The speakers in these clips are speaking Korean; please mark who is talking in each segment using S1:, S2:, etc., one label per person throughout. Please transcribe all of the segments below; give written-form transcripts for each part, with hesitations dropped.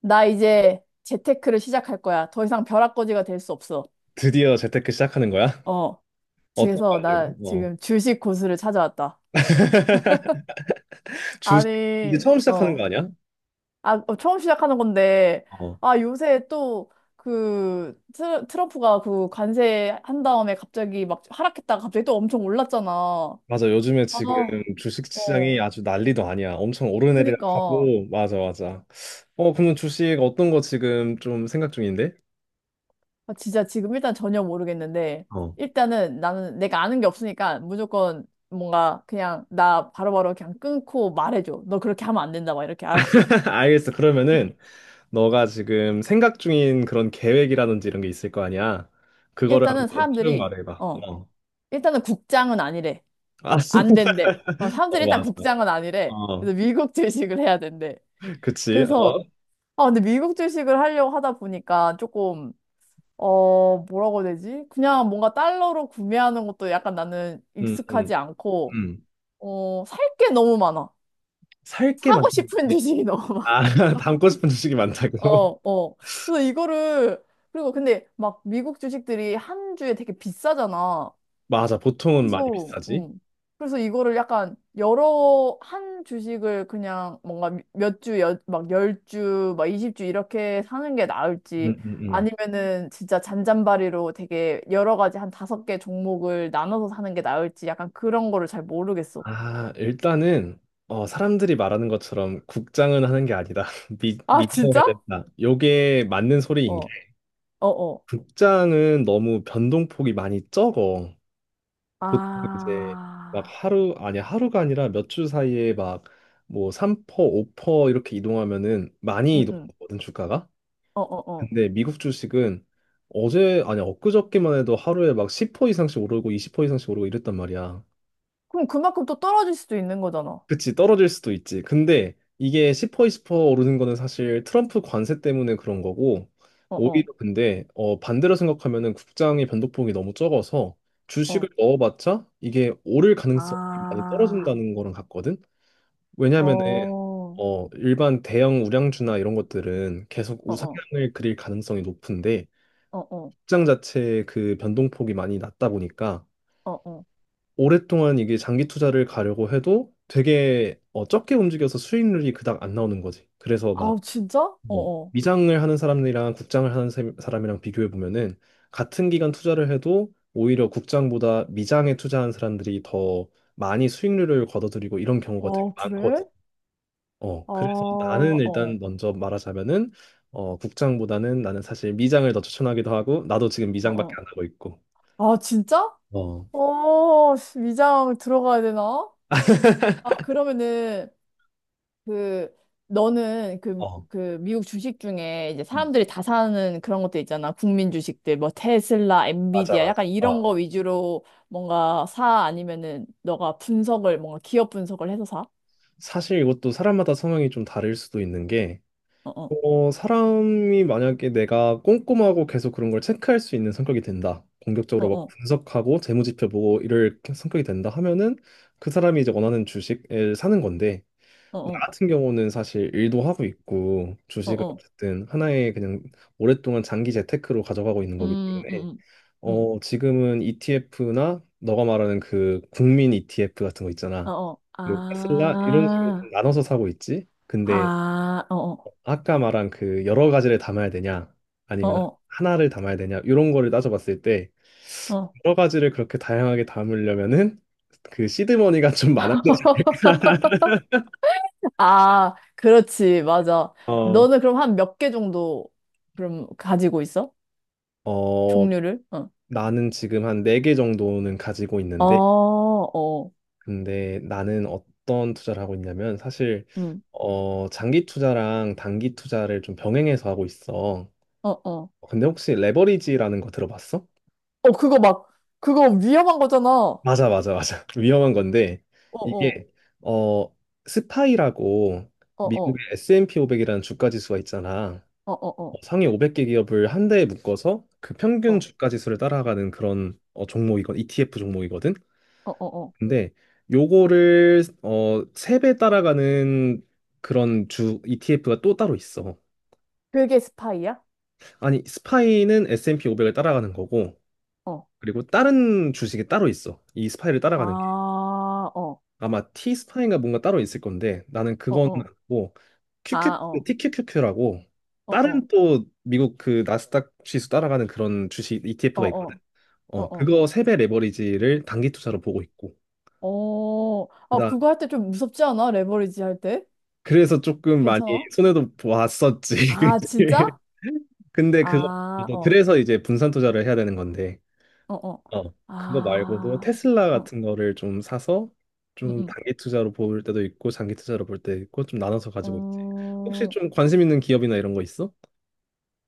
S1: 나 이제 재테크를 시작할 거야. 더 이상 벼락거지가 될 수 없어.
S2: 드디어 재테크 시작하는 거야?
S1: 어.
S2: 어떤 거
S1: 그래서 나
S2: 하려고? 어.
S1: 지금 주식 고수를 찾아왔다.
S2: 주식. 이제
S1: 아니,
S2: 처음 시작하는
S1: 어.
S2: 거 아니야?
S1: 아, 어, 처음 시작하는 건데,
S2: 어.
S1: 아, 요새 또, 그, 트럼프가 그 관세 한 다음에 갑자기 막 하락했다가 갑자기 또 엄청 올랐잖아.
S2: 맞아. 요즘에
S1: 아,
S2: 지금 주식 시장이
S1: 어.
S2: 아주 난리도 아니야. 엄청
S1: 그니까.
S2: 오르내리락하고 맞아, 맞아. 어, 그러면 주식 어떤 거 지금 좀 생각 중인데?
S1: 아, 진짜 지금 일단 전혀 모르겠는데,
S2: 어.
S1: 일단은 나는 내가 아는 게 없으니까 무조건 뭔가 그냥 나 바로바로 그냥 끊고 말해줘. 너 그렇게 하면 안 된다. 막 이렇게 알았지.
S2: 알겠어. 그러면은 너가 지금 생각 중인 그런 계획이라든지 이런 게 있을 거 아니야? 그거를
S1: 일단은
S2: 한번 쭉
S1: 사람들이,
S2: 말해봐.
S1: 어,
S2: 어.
S1: 일단은 국장은 아니래.
S2: 아,
S1: 안 된대. 어, 사람들이
S2: 어,
S1: 일단
S2: 맞아.
S1: 국장은 아니래.
S2: 어.
S1: 그래서 미국 주식을 해야 된대.
S2: 그치.
S1: 그래서,
S2: 어.
S1: 아, 근데 미국 주식을 하려고 하다 보니까 조금, 어, 뭐라고 해야 되지? 그냥 뭔가 달러로 구매하는 것도 약간 나는
S2: 음, 음,
S1: 익숙하지 않고,
S2: 음.
S1: 어, 살 게 너무 많아.
S2: 살게
S1: 사고 싶은
S2: 만드는데
S1: 주식이 너무 많아.
S2: 아 담고 싶은 주식이 많다고.
S1: 어, 어. 그래서 이거를, 그리고 근데 막 미국 주식들이 한 주에 되게 비싸잖아.
S2: 맞아, 보통은 많이
S1: 그래서,
S2: 비싸지.
S1: 그래서 이거를 약간 여러 한 주식을 그냥 뭔가 몇 주, 여, 막 열 주막 20주 이렇게 사는 게 나을지
S2: 음음음.
S1: 아니면은 진짜 잔잔바리로 되게 여러 가지 한 다섯 개 종목을 나눠서 사는 게 나을지 약간 그런 거를 잘 모르겠어.
S2: 아, 일단은 어 사람들이 말하는 것처럼 국장은 하는 게 아니다 미
S1: 아,
S2: 미장 해야
S1: 진짜?
S2: 된다, 요게 맞는 소리인
S1: 어,
S2: 게
S1: 어, 어.
S2: 국장은 너무 변동폭이 많이 적어. 보통 이제 막
S1: 아,
S2: 하루, 아니 하루가 아니라 몇 주 사이에 막 뭐 3%, 5% 이렇게 이동하면은 많이
S1: 응, 응.
S2: 이동하거든, 주가가.
S1: 어, 어, 어.
S2: 근데 미국 주식은 어제, 아니 엊그저께만 해도 하루에 막 10% 이상씩 오르고 20% 이상씩 오르고 이랬단 말이야.
S1: 그럼 그만큼 또 떨어질 수도 있는 거잖아.
S2: 그치, 떨어질 수도 있지. 근데 이게 10% 20% 오르는 거는 사실 트럼프 관세 때문에 그런 거고,
S1: 어, 어,
S2: 오히려 근데 어 반대로 생각하면은 국장의 변동폭이 너무 적어서
S1: 어.
S2: 주식을 넣어봤자 이게 오를 가능성이 많이
S1: 아,
S2: 떨어진다는 거랑 같거든.
S1: 어,
S2: 왜냐면은
S1: 어,
S2: 어 일반 대형 우량주나 이런 것들은 계속
S1: 어, 어,
S2: 우상향을 그릴 가능성이 높은데,
S1: 어,
S2: 시장 자체의 그 변동폭이 많이 낮다 보니까
S1: 어, 어.
S2: 오랫동안 이게 장기 투자를 가려고 해도 되게 어, 적게 움직여서 수익률이 그닥 안 나오는 거지. 그래서 막
S1: 아우, 진짜? 어,
S2: 뭐,
S1: 어.
S2: 미장을 하는 사람이랑 국장을 하는 사람이랑 비교해 보면은 같은 기간 투자를 해도 오히려 국장보다 미장에 투자한 사람들이 더 많이 수익률을 거둬들이고 이런 경우가 되게
S1: 어, 그래?
S2: 많거든. 어,
S1: 아,
S2: 그래서 나는
S1: 어,
S2: 일단
S1: 어,
S2: 먼저 말하자면은 어, 국장보다는 나는 사실 미장을 더 추천하기도 하고, 나도 지금
S1: 어,
S2: 미장밖에
S1: 어.
S2: 안 하고 있고.
S1: 아, 진짜?
S2: 어.
S1: 어, 씨, 위장 들어가야 되나? 아, 그러면은 그 너는 그
S2: 어,
S1: 그 미국 주식 중에 이제 사람들이 다 사는 그런 것들 있잖아. 국민 주식들 뭐 테슬라,
S2: 맞아,
S1: 엔비디아
S2: 맞아.
S1: 약간 이런 거
S2: 어,
S1: 위주로 뭔가 사 아니면은 너가 분석을 뭔가 기업 분석을 해서 사?
S2: 사실 이것도 사람마다 성향이 좀 다를 수도 있는 게,
S1: 어어.
S2: 어, 사람이 만약에 내가 꼼꼼하고 계속 그런 걸 체크할 수 있는 성격이 된다, 공격적으로 막
S1: 어어.
S2: 분석하고 재무지표 보고 이럴 성격이 된다 하면은 그 사람이 이제 원하는 주식을 사는 건데, 나
S1: 어어.
S2: 같은 경우는 사실 일도 하고 있고, 주식을
S1: 어어.
S2: 어쨌든 하나의 그냥 오랫동안 장기 재테크로 가져가고 있는 거기
S1: 음, 음,
S2: 때문에,
S1: 음. 음.
S2: 어, 지금은 ETF나 너가 말하는 그 국민 ETF 같은 거 있잖아.
S1: 어어.
S2: 그리고 테슬라 이런 식으로 좀
S1: 아.
S2: 나눠서 사고 있지. 근데
S1: 아. 어어.
S2: 아까 말한 그 여러 가지를 담아야 되냐
S1: 어
S2: 아니면
S1: 어.
S2: 하나를 담아야 되냐 이런 거를 따져봤을 때
S1: 어.
S2: 여러 가지를 그렇게 다양하게 담으려면은 그 시드머니가 좀 많아야 돼.
S1: 아, 그렇지. 맞아.
S2: 어,
S1: 너는 그럼 한 몇 개 정도 그럼 가지고 있어?
S2: 어,
S1: 종류를? 어.
S2: 나는 지금 한 네 개 정도는 가지고
S1: 아,
S2: 있는데,
S1: 어,
S2: 근데 나는 어떤 투자를 하고 있냐면 사실
S1: 응,
S2: 어, 장기 투자랑 단기 투자를 좀 병행해서 하고 있어.
S1: 어, 어.
S2: 근데 혹시 레버리지라는 거 들어봤어?
S1: 어, 그거 막, 그거 위험한 거잖아. 어,
S2: 맞아, 맞아, 맞아. 위험한 건데,
S1: 어,
S2: 이게 어, 스파이라고
S1: 어,
S2: 미국의
S1: 어,
S2: S&P 500이라는 주가 지수가 있잖아.
S1: 어, 어,
S2: 어,
S1: 어,
S2: 상위 500개 기업을 한 대에 묶어서 그 평균
S1: 어,
S2: 주가 지수를 따라가는 그런 어, 종목이건 ETF 종목이거든.
S1: 어, 어. 어.
S2: 근데 요거를 어 3배 따라가는 그런 주 ETF가 또 따로 있어.
S1: 그게 스파이야?
S2: 아니, 스파이는 S&P 500을 따라가는 거고,
S1: 어.
S2: 그리고 다른 주식이 따로 있어, 이 스파이를
S1: 아,
S2: 따라가는 게.
S1: 어,
S2: 아마 T 스파이가 뭔가 따로 있을 건데 나는
S1: 어,
S2: 그건
S1: 어.
S2: 뭐
S1: 아, 어,
S2: TQQQ라고
S1: 어, 어,
S2: 다른 또 미국 그 나스닥 지수 따라가는 그런 주식
S1: 어,
S2: ETF가 있거든.
S1: 어, 어,
S2: 어,
S1: 어.
S2: 그거 3배 레버리지를 단기 투자로 보고 있고.
S1: 어, 아, 그거 할 때 좀 무섭지 않아? 레버리지 할 때?
S2: 그래서 조금 많이
S1: 괜찮아?
S2: 손해도 보았었지.
S1: 아,
S2: 그치?
S1: 진짜?
S2: 근데 그거
S1: 아,
S2: 말고도
S1: 어,
S2: 그래서 이제 분산 투자를 해야 되는 건데,
S1: 어, 어.
S2: 어 그거 말고도
S1: 아,
S2: 테슬라
S1: 어,
S2: 같은 거를 좀 사서 좀
S1: 응,
S2: 단기 투자로 볼 때도 있고 장기 투자로 볼 때 있고 좀 나눠서 가지고 있지. 혹시
S1: 응.
S2: 좀 관심 있는 기업이나 이런 거 있어?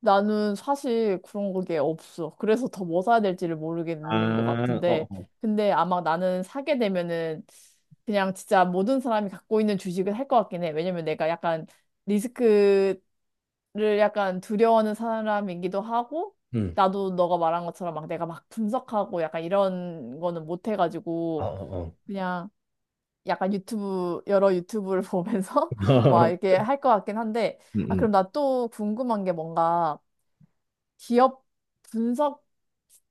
S1: 나는 사실 그런 게 없어. 그래서 더 뭐 사야 될지를 모르겠는 것
S2: 아, 어,
S1: 같은데.
S2: 어.
S1: 근데 아마 나는 사게 되면은 그냥 진짜 모든 사람이 갖고 있는 주식을 할 것 같긴 해. 왜냐면 내가 약간 리스크를 약간 두려워하는 사람이기도 하고,
S2: 응.
S1: 나도 너가 말한 것처럼 막 내가 막 분석하고 약간 이런 거는 못
S2: 어,
S1: 해가지고,
S2: 어, 어.
S1: 그냥 약간 유튜브, 여러 유튜브를 보면서 막 이렇게 할 것 같긴 한데,
S2: 응,
S1: 아,
S2: 응.
S1: 그럼 나 또 궁금한 게 뭔가, 기업 분석,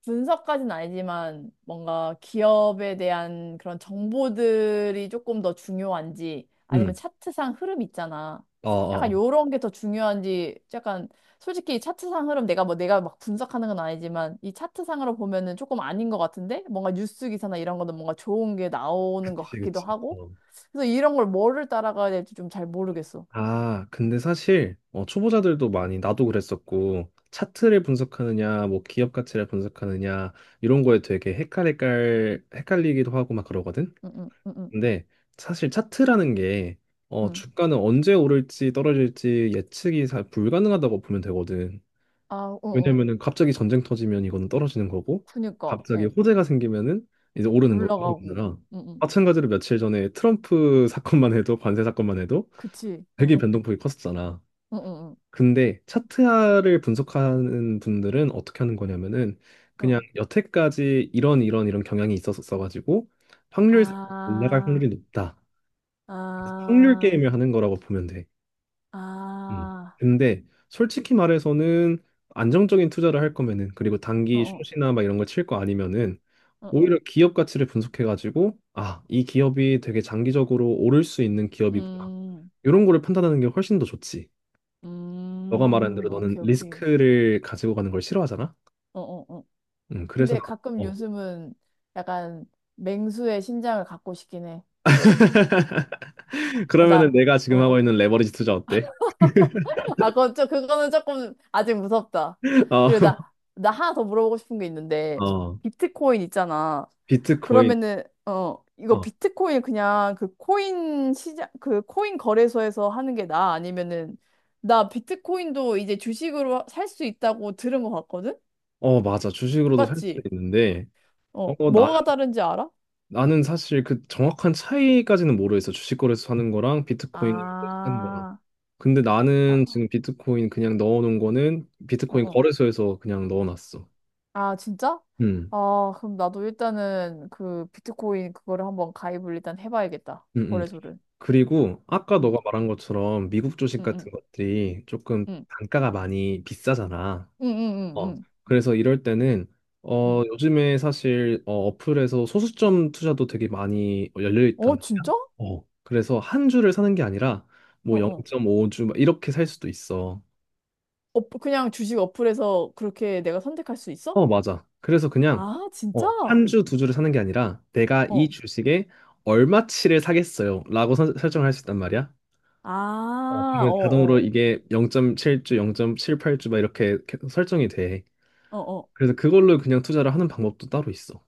S1: 분석까지는 아니지만 뭔가 기업에 대한 그런 정보들이 조금 더 중요한지 아니면
S2: 응.
S1: 차트상 흐름 있잖아.
S2: 어, 어.
S1: 약간
S2: 어.
S1: 요런 게 더 중요한지 약간 솔직히 차트상 흐름 내가 뭐 내가 막 분석하는 건 아니지만 이 차트상으로 보면은 조금 아닌 것 같은데 뭔가 뉴스 기사나 이런 거는 뭔가 좋은 게 나오는 것
S2: 그치,
S1: 같기도
S2: 그치.
S1: 하고 그래서 이런 걸 뭐를 따라가야 될지 좀 잘 모르겠어.
S2: 아, 근데 사실 어, 초보자들도 많이, 나도 그랬었고, 차트를 분석하느냐, 뭐 기업 가치를 분석하느냐 이런 거에 되게 헷갈릴 헷갈리기도 하고 막 그러거든.
S1: 응, 응, 응, 응,
S2: 근데 사실 차트라는 게 어,
S1: 응.
S2: 주가는 언제 오를지 떨어질지 예측이 잘 불가능하다고 보면 되거든.
S1: 아, 응, 응.
S2: 왜냐면은 갑자기 전쟁 터지면 이거는 떨어지는 거고,
S1: 그니까,
S2: 갑자기
S1: 어.
S2: 호재가 생기면은 이제 오르는 거느
S1: 올라가고.
S2: 라
S1: 응, 응.
S2: 마찬가지로 며칠 전에 트럼프 사건만 해도, 관세 사건만 해도
S1: 그치. 어.
S2: 되게 변동폭이 컸었잖아.
S1: 응, 응,
S2: 근데 차트화를 분석하는 분들은 어떻게 하는 거냐면은
S1: 응.
S2: 그냥
S1: 어.
S2: 여태까지 이런 이런 이런 경향이 있었어 가지고 확률상 올라갈
S1: 아,
S2: 확률이 높다, 확률
S1: 아,
S2: 게임을 하는 거라고 보면 돼. 음.
S1: 아.
S2: 근데 솔직히 말해서는 안정적인 투자를 할 거면은, 그리고
S1: 어,
S2: 단기
S1: 어,
S2: 숏이나 막 이런 걸 칠 거 아니면은
S1: 어, 어.
S2: 오히려 기업 가치를 분석해 가지고 아, 이 기업이 되게 장기적으로 오를 수 있는 기업이구나,
S1: 음,
S2: 이런 거를 판단하는 게 훨씬 더 좋지. 너가 말하는 대로 너는
S1: 오케이, 오케이.
S2: 리스크를 가지고 가는 걸 싫어하잖아.
S1: 어, 어, 어.
S2: 그래서
S1: 근데
S2: 나
S1: 가끔
S2: 어.
S1: 요즘은 약간 맹수의 신장을 갖고 싶긴 해. 아,
S2: 그러면은
S1: 나,
S2: 내가 지금 하고
S1: 어.
S2: 있는 레버리지 투자 어때?
S1: 아, 그건 좀, 그거는 조금 아직 무섭다. 그리고 나, 나 하나 더 물어보고 싶은 게
S2: 어,
S1: 있는데,
S2: 어,
S1: 비트코인 있잖아.
S2: 비트코인.
S1: 그러면은 어 이거
S2: 어,
S1: 비트코인 그냥 그 코인 시장 그 코인 거래소에서 하는 게 나아? 아니면은 나 비트코인도 이제 주식으로 살 수 있다고 들은 것 같거든?
S2: 어, 맞아. 주식으로도 살 수
S1: 맞지?
S2: 있는데,
S1: 어
S2: 어, 어, 나,
S1: 뭐가 다른지 알아?
S2: 나는 사실 그 정확한 차이까지는 모르겠어, 주식 거래소 사는 거랑 비트코인 사는 거랑.
S1: 아,
S2: 근데
S1: 아,
S2: 나는 지금 비트코인 그냥 넣어놓은 거는
S1: 어,
S2: 비트코인
S1: 어.
S2: 거래소에서 그냥 넣어놨어.
S1: 아, 진짜?
S2: 음,
S1: 아, 그럼 나도 일단은 그 비트코인 그거를 한번 가입을 일단 해봐야겠다.
S2: 음, 음.
S1: 거래소를.
S2: 그리고 아까
S1: 응,
S2: 너가 말한 것처럼 미국 주식
S1: 응, 응,
S2: 같은 것들이 조금
S1: 응,
S2: 단가가 많이 비싸잖아.
S1: 응, 응, 응,
S2: 어.
S1: 응.
S2: 그래서 이럴 때는
S1: 응.
S2: 어 요즘에 사실 어, 어플에서 소수점 투자도 되게 많이 열려 있단
S1: 어, 진짜?
S2: 말이야. 어. 그래서 한 주를 사는 게 아니라
S1: 어,
S2: 뭐
S1: 어.
S2: 0.5주 막 이렇게 살 수도 있어.
S1: 어, 그냥 주식 어플에서 그렇게 내가 선택할 수 있어?
S2: 어, 맞아. 그래서 그냥
S1: 아, 진짜?
S2: 어, 한 주, 두 주를 사는 게 아니라 내가 이
S1: 어.
S2: 주식에 얼마치를 사겠어요, 라고 설정을 할 수 있단 말이야. 어,
S1: 아, 어,
S2: 그러면 자동으로
S1: 어.
S2: 이게 0.7주, 0.78주 막 이렇게 계속 설정이 돼.
S1: 어, 어.
S2: 그래서 그걸로 그냥 투자를 하는 방법도 따로 있어.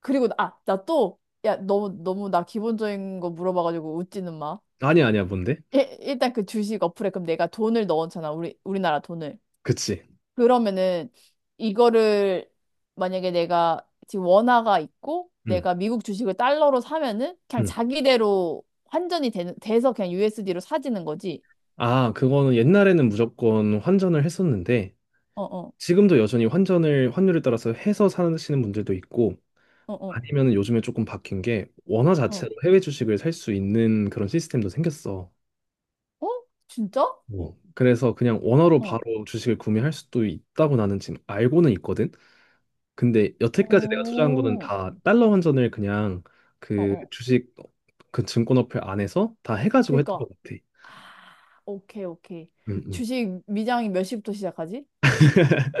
S1: 그리고, 아, 나 또, 야, 너무, 너무 나 기본적인 거 물어봐가지고 웃지는 마.
S2: 아니야, 아니야, 뭔데?
S1: 일단 그 주식 어플에 그럼 내가 돈을 넣었잖아. 우리나라 돈을.
S2: 그치.
S1: 그러면은 이거를 만약에 내가 지금 원화가 있고
S2: 응,
S1: 내가 미국 주식을 달러로 사면은 그냥
S2: 응.
S1: 자기대로 환전이 돼서 그냥 USD로 사지는 거지.
S2: 아, 그거는 옛날에는 무조건 환전을 했었는데,
S1: 어, 어,
S2: 지금도 여전히 환전을 환율에 따라서 해서 사시는 분들도 있고,
S1: 어, 어.
S2: 아니면 요즘에 조금 바뀐 게 원화 자체로
S1: 어.
S2: 해외 주식을 살 수 있는 그런 시스템도 생겼어.
S1: 어? 진짜?
S2: 뭐, 그래서 그냥 원화로 바로
S1: 어.
S2: 주식을 구매할 수도 있다고 나는 지금 알고는 있거든. 근데 여태까지 내가 투자한 거는
S1: 어.
S2: 다 달러 환전을 그냥
S1: 어,
S2: 그
S1: 어.
S2: 주식 그 증권 어플 안에서 다 해가지고 했던
S1: 그니까.
S2: 것 같아.
S1: 아, 오케이, 오케이.
S2: 음, 음.
S1: 주식 미장이 몇 시부터 시작하지?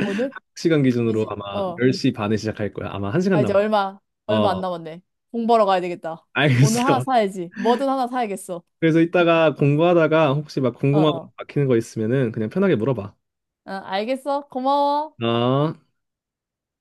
S1: 오늘?
S2: 시간 기준으로
S1: 이제,
S2: 아마
S1: 어.
S2: 10시 반에 시작할 거야. 아마
S1: 아,
S2: 1시간
S1: 이제
S2: 남았.
S1: 얼마, 얼마 안
S2: 어,
S1: 남았네. 공 벌어 가야 되겠다. 오늘 하나
S2: 알겠어.
S1: 사야지. 뭐든 하나 사야겠어.
S2: 그래서 이따가 공부하다가 혹시 막
S1: 어,
S2: 궁금한 거
S1: 어.
S2: 막히는 거 있으면은 그냥 편하게 물어봐.
S1: 어, 알겠어. 고마워.
S2: 어.